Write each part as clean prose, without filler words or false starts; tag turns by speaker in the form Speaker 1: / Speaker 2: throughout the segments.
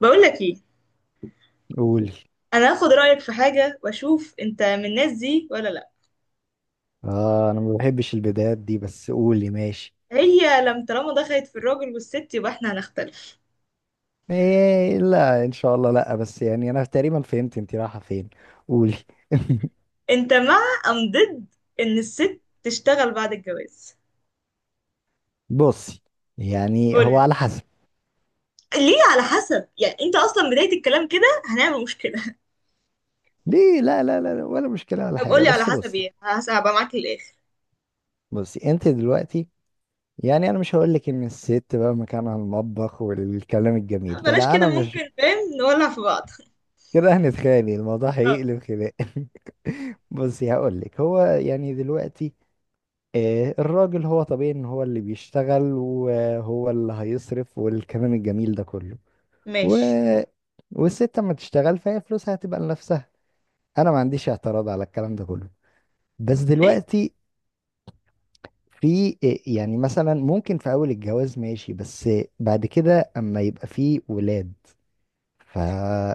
Speaker 1: بقول لك ايه؟
Speaker 2: قولي.
Speaker 1: انا هاخد رايك في حاجه واشوف انت من الناس دي ولا لا.
Speaker 2: اه، انا ما بحبش البدايات دي، بس قولي ماشي.
Speaker 1: هي لم طالما دخلت في الراجل والست يبقى احنا هنختلف.
Speaker 2: ايه، لا، ان شاء الله لا، بس يعني انا تقريبا فهمت انت رايحه فين. قولي.
Speaker 1: انت مع ضد ان الست تشتغل بعد الجواز؟
Speaker 2: بصي، يعني هو
Speaker 1: قولي.
Speaker 2: على حسب.
Speaker 1: ليه على حسب؟ يعني انت اصلا بدايه الكلام كده هنعمل مشكله؟
Speaker 2: ليه، لا لا لا لا، ولا مشكله ولا
Speaker 1: طب
Speaker 2: حاجه،
Speaker 1: قولي على
Speaker 2: بس
Speaker 1: حسب
Speaker 2: بصي.
Speaker 1: ايه. هبقى معاك للاخر.
Speaker 2: بصي، انت دلوقتي، يعني انا مش هقول لك ان الست بقى مكانها المطبخ والكلام الجميل
Speaker 1: لا
Speaker 2: ده،
Speaker 1: بلاش
Speaker 2: لا
Speaker 1: كده،
Speaker 2: انا مش
Speaker 1: ممكن فاهم نولع في بعض.
Speaker 2: كده. هنتخانق، الموضوع
Speaker 1: اه
Speaker 2: هيقلب خناق. بصي هقول لك، هو يعني دلوقتي، الراجل هو طبيعي ان هو اللي بيشتغل وهو اللي هيصرف والكلام الجميل ده كله. و...
Speaker 1: ماشي.
Speaker 2: والست اما تشتغل فهي فلوسها هتبقى لنفسها. انا ما عنديش اعتراض على الكلام ده كله. بس دلوقتي، في يعني مثلا ممكن في اول الجواز ماشي، بس بعد كده اما يبقى في ولاد، فمين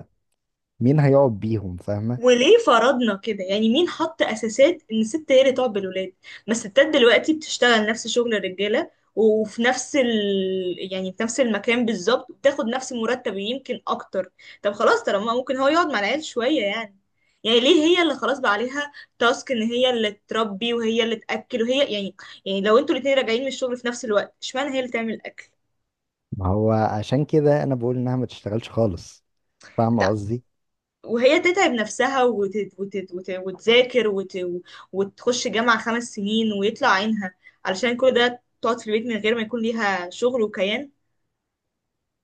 Speaker 2: هيقعد بيهم؟ فاهمة.
Speaker 1: وليه فرضنا كده؟ يعني مين حط اساسات ان الست هي اللي تقعد بالولاد؟ ما الستات دلوقتي بتشتغل نفس شغل الرجاله، وفي نفس ال... يعني في نفس المكان بالظبط وبتاخد نفس المرتب، يمكن اكتر. طب خلاص، طالما ممكن هو يقعد مع العيال شويه يعني، يعني ليه هي اللي خلاص بقى عليها تاسك ان هي اللي تربي وهي اللي تاكل وهي يعني. يعني لو انتوا الاتنين راجعين من الشغل في نفس الوقت اشمعنى هي اللي تعمل الاكل،
Speaker 2: ما هو عشان كده انا بقول انها ما تشتغلش خالص. فاهمة قصدي.
Speaker 1: وهي تتعب نفسها وتذاكر وتخش جامعة 5 سنين ويطلع عينها علشان كل ده تقعد في البيت من غير ما يكون ليها شغل وكيان؟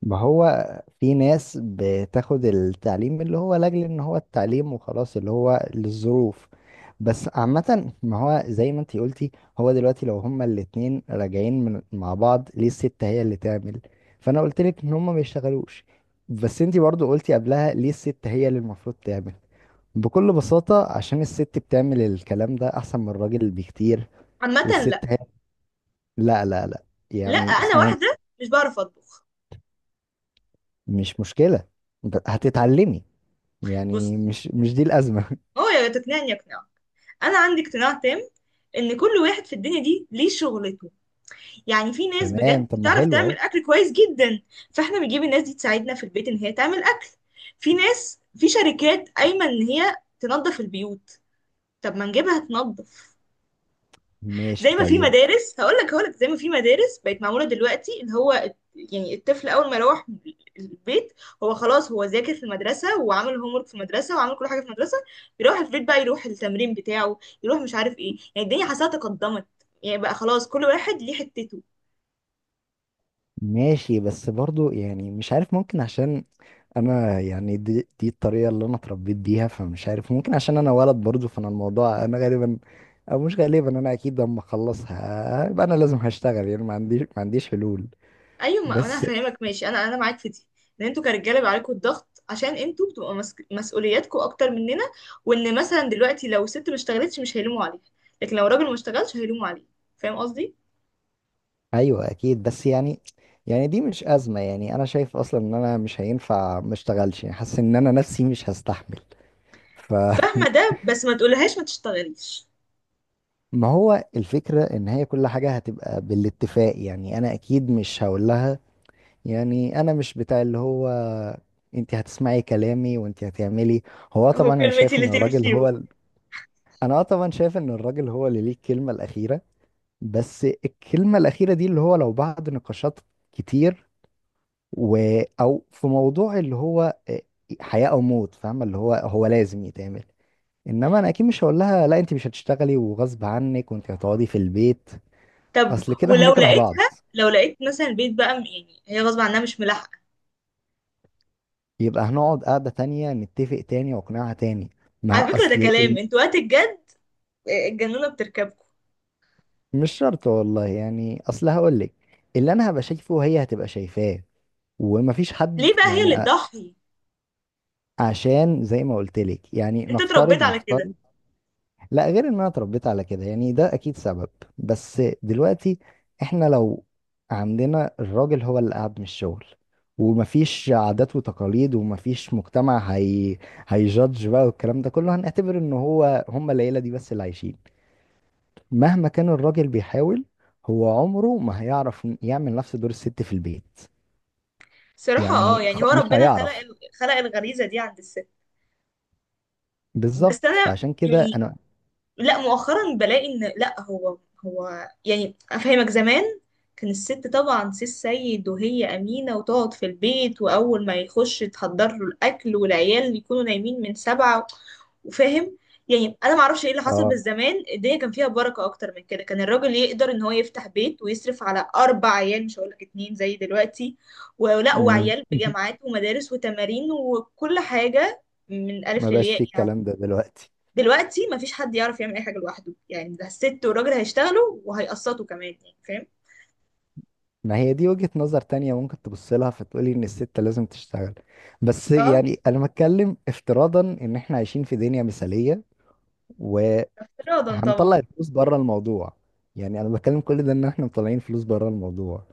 Speaker 2: ما هو في ناس بتاخد التعليم اللي هو لاجل ان هو التعليم وخلاص، اللي هو للظروف. بس عامة، ما هو زي ما انتي قلتي، هو دلوقتي لو هما الاتنين راجعين من مع بعض، ليه الست هي اللي تعمل؟ فانا قلت لك ان هما ما يشتغلوش. بس انتي برضو قلتي قبلها ليه الست هي اللي المفروض تعمل. بكل بساطة عشان الست بتعمل الكلام ده احسن من الراجل بكتير.
Speaker 1: عامة
Speaker 2: والست
Speaker 1: لا.
Speaker 2: هي، لا لا لا،
Speaker 1: لا
Speaker 2: يعني
Speaker 1: أنا
Speaker 2: اسمعي،
Speaker 1: واحدة مش بعرف أطبخ.
Speaker 2: مش مشكلة، هتتعلمي،
Speaker 1: بص،
Speaker 2: يعني مش دي الأزمة.
Speaker 1: هو يا تقنعني يقنع. أنا عندي اقتناع تام إن كل واحد في الدنيا دي ليه شغلته. يعني في ناس
Speaker 2: تمام،
Speaker 1: بجد
Speaker 2: طب ما
Speaker 1: بتعرف
Speaker 2: حلو اهو.
Speaker 1: تعمل أكل كويس جدا، فإحنا بنجيب الناس دي تساعدنا في البيت إن هي تعمل أكل. في ناس في شركات قايمة إن هي تنظف البيوت، طب ما نجيبها تنظف.
Speaker 2: ماشي
Speaker 1: زي ما في
Speaker 2: طيب.
Speaker 1: مدارس، هقول لك، زي ما في مدارس بقت معموله دلوقتي، اللي هو يعني الطفل اول ما يروح البيت هو خلاص، هو ذاكر في المدرسه وعمل هوم ورك في المدرسه وعمل كل حاجه في المدرسه، بيروح البيت بقى يروح التمرين بتاعه، يروح مش عارف ايه. يعني الدنيا حاسه تقدمت، يعني بقى خلاص كل واحد ليه حتته.
Speaker 2: ماشي، بس برضو يعني مش عارف، ممكن عشان انا، يعني دي الطريقة اللي انا اتربيت بيها، فمش عارف ممكن عشان انا ولد برضو، فانا الموضوع انا غالبا، او مش غالبا انا اكيد، لما اخلصها يبقى انا لازم هشتغل، يعني ما عنديش حلول.
Speaker 1: ايوه، ما انا
Speaker 2: بس.
Speaker 1: هفهمك. ماشي، انا معاك في دي، ان انتوا كرجاله بيبقى عليكم الضغط عشان انتوا بتبقوا مسؤولياتكم اكتر مننا. وان مثلا دلوقتي لو ست ما اشتغلتش مش هيلوموا عليها، لكن لو راجل ما اشتغلش هيلوموا عليه. فاهم قصدي؟
Speaker 2: ايوه اكيد بس يعني، يعني دي مش أزمة، يعني انا شايف اصلا ان انا مش هينفع ما اشتغلش، يعني حاسس ان انا نفسي مش هستحمل. ف
Speaker 1: فاهمه، ده بس ما تقولهاش ما تشتغليش.
Speaker 2: ما هو الفكرة ان هي كل حاجة هتبقى بالاتفاق، يعني انا اكيد مش هقول لها، يعني انا مش بتاع اللي هو انت هتسمعي كلامي وانت هتعملي. هو
Speaker 1: هو
Speaker 2: طبعا انا
Speaker 1: كلمتي
Speaker 2: شايف
Speaker 1: اللي
Speaker 2: ان الراجل
Speaker 1: تمشي.
Speaker 2: هو انا طبعا شايف ان الراجل هو اللي ليه الكلمة الاخيرة. بس الكلمة الاخيرة دي اللي هو لو بعد نقاشات كتير و... او في موضوع اللي هو حياة او موت، فاهمة اللي هو هو لازم يتعمل. انما انا اكيد مش هقول لها لا انت مش هتشتغلي وغصب عنك وانت هتقعدي في البيت،
Speaker 1: طب
Speaker 2: اصل كده
Speaker 1: ولو
Speaker 2: هنكره بعض.
Speaker 1: لقيت مثلا البيت بقى يعني هي غصب عنها مش ملاحقه.
Speaker 2: يبقى هنقعد قعدة تانية نتفق تاني واقنعها تاني.
Speaker 1: على
Speaker 2: ما
Speaker 1: فكره ده
Speaker 2: اصل
Speaker 1: كلام
Speaker 2: ال...
Speaker 1: انتوا وقت الجد، الجنونه بتركبكم.
Speaker 2: مش شرط والله يعني، اصل هقولك اللي انا هبقى شايفه هي هتبقى شايفاه، ومفيش
Speaker 1: ليه
Speaker 2: حد
Speaker 1: بقى هي
Speaker 2: يعني
Speaker 1: اللي تضحي؟
Speaker 2: عشان زي ما قلتلك، يعني
Speaker 1: انت اتربيت
Speaker 2: نفترض
Speaker 1: على كده.
Speaker 2: نفترض لا غير ان انا اتربيت على كده، يعني ده اكيد سبب. بس دلوقتي احنا لو عندنا الراجل هو اللي قاعد من الشغل ومفيش عادات وتقاليد ومفيش مجتمع، هي هيجادج بقى والكلام ده كله، هنعتبر ان هو هم العيلة دي بس اللي عايشين. مهما كان الراجل بيحاول، هو عمره ما هيعرف يعمل نفس دور الست في البيت.
Speaker 1: صراحة اه،
Speaker 2: يعني
Speaker 1: يعني هو
Speaker 2: مش
Speaker 1: ربنا خلق
Speaker 2: هيعرف.
Speaker 1: خلق الغريزة دي عند الست، بس
Speaker 2: بالظبط،
Speaker 1: انا
Speaker 2: فعشان كده
Speaker 1: يعني،
Speaker 2: انا.
Speaker 1: لا مؤخرا بلاقي ان لا، هو يعني افهمك. زمان كان الست طبعا سي السيد، وهي امينه وتقعد في البيت، واول ما يخش تحضر له الاكل والعيال يكونوا نايمين من 7، وفاهم، يعني انا ما اعرفش ايه اللي حصل، بس
Speaker 2: اه
Speaker 1: زمان الدنيا كان فيها بركه اكتر من كده، كان الراجل يقدر ان هو يفتح بيت ويصرف على اربع عيال، مش هقول لك اتنين زي دلوقتي،
Speaker 2: مم.
Speaker 1: وعيال بجامعات ومدارس وتمارين وكل حاجه، من الف
Speaker 2: ما بقاش
Speaker 1: للياء
Speaker 2: في
Speaker 1: يعني.
Speaker 2: الكلام ده دلوقتي.
Speaker 1: دلوقتي مفيش حد يعرف يعمل اي حاجه لوحده، يعني ده الست والراجل هيشتغلوا وهيقسطوا كمان، يعني فاهم.
Speaker 2: ما هي دي وجهة نظر تانية ممكن تبص لها فتقولي ان الست لازم تشتغل. بس
Speaker 1: اه،
Speaker 2: يعني انا بتكلم افتراضا ان احنا عايشين في دنيا مثالية،
Speaker 1: افتراضا
Speaker 2: وهنطلع
Speaker 1: طبعا.
Speaker 2: الفلوس بره الموضوع. يعني انا بتكلم كل ده ان احنا مطلعين فلوس بره الموضوع.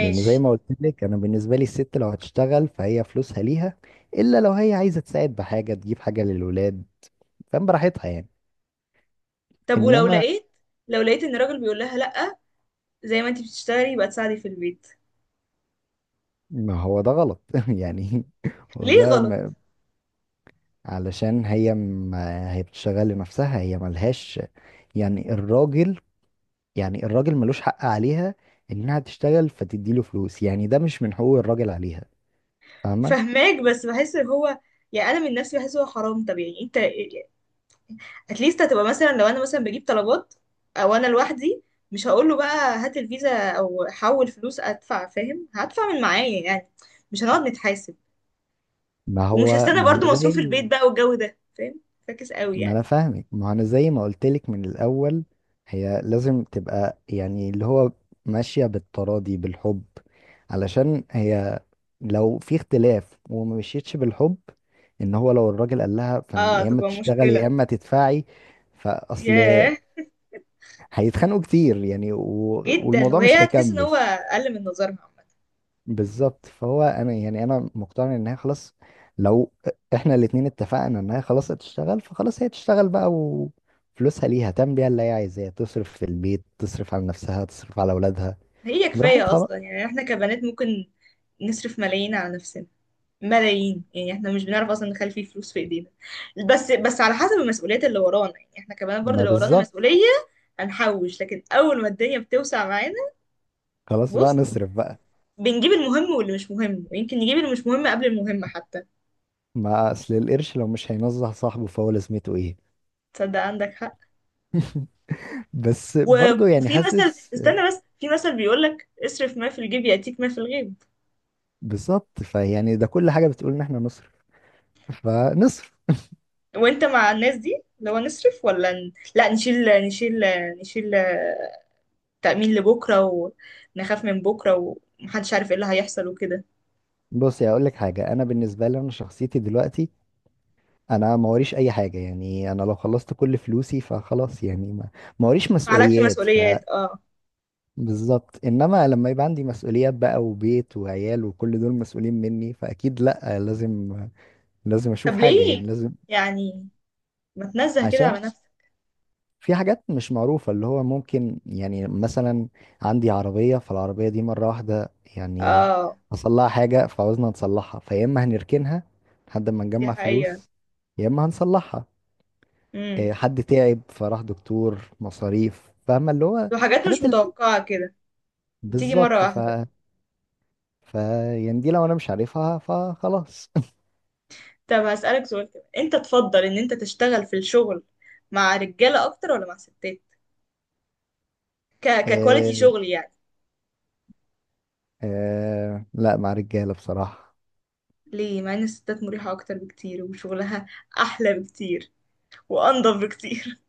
Speaker 2: لان زي ما قلت لك، انا بالنسبة لي الست لو هتشتغل فهي فلوسها ليها، الا لو هي عايزة تساعد بحاجة، تجيب حاجة للولاد، فاهم، براحتها يعني.
Speaker 1: طب ولو
Speaker 2: انما،
Speaker 1: لقيت، لو لقيت ان الراجل بيقول لها لا، زي ما انت بتشتغلي يبقى تساعدي في البيت.
Speaker 2: ما هو ده غلط، يعني هو
Speaker 1: ليه
Speaker 2: ده
Speaker 1: غلط؟
Speaker 2: علشان هي، ما هي بتشتغل لنفسها، هي ملهاش، يعني الراجل يعني الراجل ملوش حق عليها انها تشتغل فتديله فلوس، يعني ده مش من حقوق الراجل عليها. فاهمة.
Speaker 1: فهماك، بس بحس ان هو، يعني انا من نفسي بحس هو حرام. طب يعني انت اتليست هتبقى مثلا، لو انا مثلا بجيب طلبات او انا لوحدي، مش هقول له بقى هات الفيزا او حول فلوس ادفع. فاهم هدفع من معايا يعني، مش هنقعد نتحاسب،
Speaker 2: ما
Speaker 1: ومش
Speaker 2: هو
Speaker 1: هستنى برضو مصروف البيت بقى والجو ده. فاهم؟ فاكس قوي
Speaker 2: ما
Speaker 1: يعني.
Speaker 2: انا فاهمك، ما انا زي ما قلتلك من الاول، هي لازم تبقى يعني اللي هو ماشية بالتراضي بالحب، علشان هي لو في اختلاف وما مشيتش بالحب، ان هو لو الراجل قال لها، فانت
Speaker 1: اه
Speaker 2: يا اما
Speaker 1: تبقى
Speaker 2: تشتغلي يا
Speaker 1: مشكلة.
Speaker 2: اما تدفعي، فاصل.
Speaker 1: ياه،
Speaker 2: هيتخانقوا كتير، يعني
Speaker 1: جدا.
Speaker 2: والموضوع مش
Speaker 1: وهي هتحس ان
Speaker 2: هيكمل.
Speaker 1: هو اقل من نظرها عامة.
Speaker 2: بالظبط. فهو انا، يعني انا مقتنع ان هي خلاص لو احنا الاتنين اتفقنا ان هي خلاص هتشتغل، فخلاص هي تشتغل بقى، وفلوسها ليها تعمل بيها اللي هي عايزاه، تصرف في البيت، تصرف على نفسها، تصرف على اولادها،
Speaker 1: هي كفاية
Speaker 2: براحتها بقى.
Speaker 1: اصلا، يعني احنا كبنات ممكن نصرف ملايين على نفسنا، ملايين. يعني احنا مش بنعرف اصلا نخلي فيه فلوس في ايدينا. بس على حسب المسؤوليات اللي ورانا، يعني احنا كبنات برضو
Speaker 2: ما
Speaker 1: لو ورانا
Speaker 2: بالظبط.
Speaker 1: مسؤولية هنحوش، لكن اول ما الدنيا بتوسع معانا،
Speaker 2: خلاص بقى
Speaker 1: بص،
Speaker 2: نصرف بقى.
Speaker 1: بنجيب المهم واللي مش مهم، ويمكن نجيب اللي مش مهم قبل المهم حتى.
Speaker 2: ما اصل القرش لو مش هينزه صاحبه فهو لازمته ايه؟
Speaker 1: تصدق عندك حق.
Speaker 2: بس برضه يعني
Speaker 1: وفي مثل،
Speaker 2: حاسس.
Speaker 1: استنى بس، في مثل بيقول لك اصرف ما في الجيب يأتيك ما في الغيب.
Speaker 2: بالظبط، فيعني ده كل حاجة بتقول ان احنا نصرف، فنصرف.
Speaker 1: وانت مع الناس دي اللي هو نصرف ولا لا، نشيل نشيل نشيل، تأمين لبكرة، ونخاف من بكرة ومحدش عارف ايه اللي هيحصل وكده.
Speaker 2: بصي هقول لك حاجة، انا بالنسبة لي انا شخصيتي دلوقتي، انا ما وريش اي حاجه، يعني انا لو خلصت كل فلوسي فخلاص، يعني ما وريش
Speaker 1: معلكش
Speaker 2: مسؤوليات.
Speaker 1: مسؤوليات اه.
Speaker 2: فبالظبط، انما لما يبقى عندي مسؤوليات بقى، وبيت وعيال وكل دول مسؤولين مني، فاكيد لا، لازم اشوف
Speaker 1: طب
Speaker 2: حاجه، يعني
Speaker 1: ليه
Speaker 2: لازم.
Speaker 1: يعني؟ ما تنزه كده
Speaker 2: عشان
Speaker 1: على نفسك.
Speaker 2: في حاجات مش معروفه اللي هو ممكن، يعني مثلا عندي عربيه، فالعربيه دي مره واحده يعني
Speaker 1: اه،
Speaker 2: حصل لها حاجه فعاوزنا نصلحها، فيا اما هنركنها لحد ما
Speaker 1: دي
Speaker 2: نجمع
Speaker 1: حقيقة.
Speaker 2: فلوس، يا اما هنصلحها.
Speaker 1: امم.
Speaker 2: حد تعب فراح دكتور، مصاريف، فاهمة اللي هو
Speaker 1: وحاجات مش
Speaker 2: حاجات ال...
Speaker 1: متوقعة كده، بتيجي مرة
Speaker 2: بالظبط
Speaker 1: واحدة.
Speaker 2: ف يعني دي لو انا مش عارفها فخلاص.
Speaker 1: طب هسألك سؤال كده. انت تفضل ان انت تشتغل في الشغل مع رجالة اكتر ولا مع ستات؟ ككواليتي
Speaker 2: آه،
Speaker 1: شغل يعني.
Speaker 2: لا مع رجالة بصراحة.
Speaker 1: ليه؟ مع ان الستات مريحة اكتر بكتير، وشغلها احلى بكتير وانضف بكتير.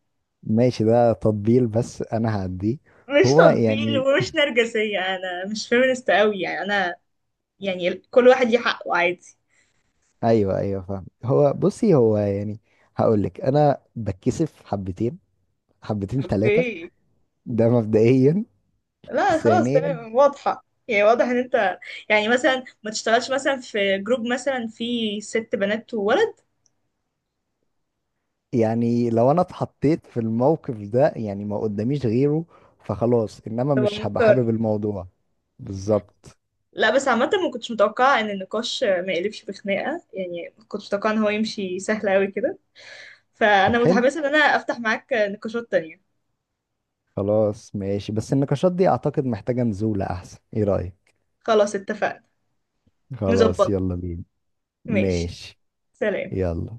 Speaker 2: ماشي، ده تطبيل بس انا هعديه.
Speaker 1: مش
Speaker 2: هو
Speaker 1: تطبيل
Speaker 2: يعني،
Speaker 1: ومش نرجسية، انا مش فيمينست قوي يعني انا. يعني كل واحد ليه حقه، عادي.
Speaker 2: ايوه ايوه فاهم، هو بصي، هو يعني هقول لك، انا بتكسف حبتين، حبتين ثلاثة،
Speaker 1: اوكي.
Speaker 2: ده مبدئيا.
Speaker 1: لا خلاص،
Speaker 2: ثانيا،
Speaker 1: تمام واضحة. يعني واضح ان انت، يعني مثلا ما تشتغلش مثلا في جروب مثلا فيه ست بنات وولد.
Speaker 2: يعني لو انا اتحطيت في الموقف ده يعني ما قداميش غيره، فخلاص، انما
Speaker 1: تبقى
Speaker 2: مش هبقى
Speaker 1: مضطر.
Speaker 2: حابب الموضوع. بالظبط.
Speaker 1: لا بس عامة ما كنتش متوقعة ان النقاش ما يقلبش بخناقة، يعني كنت متوقعة ان هو يمشي سهل قوي كده.
Speaker 2: طب
Speaker 1: فانا
Speaker 2: حلو،
Speaker 1: متحمسه ان انا افتح معاك نقاشات تانية.
Speaker 2: خلاص ماشي، بس النقاشات دي اعتقد محتاجة نزولة احسن، ايه رأيك؟
Speaker 1: خلاص اتفقنا.
Speaker 2: خلاص،
Speaker 1: نظبط.
Speaker 2: يلا بينا.
Speaker 1: ماشي.
Speaker 2: ماشي.
Speaker 1: سلام.
Speaker 2: يلا.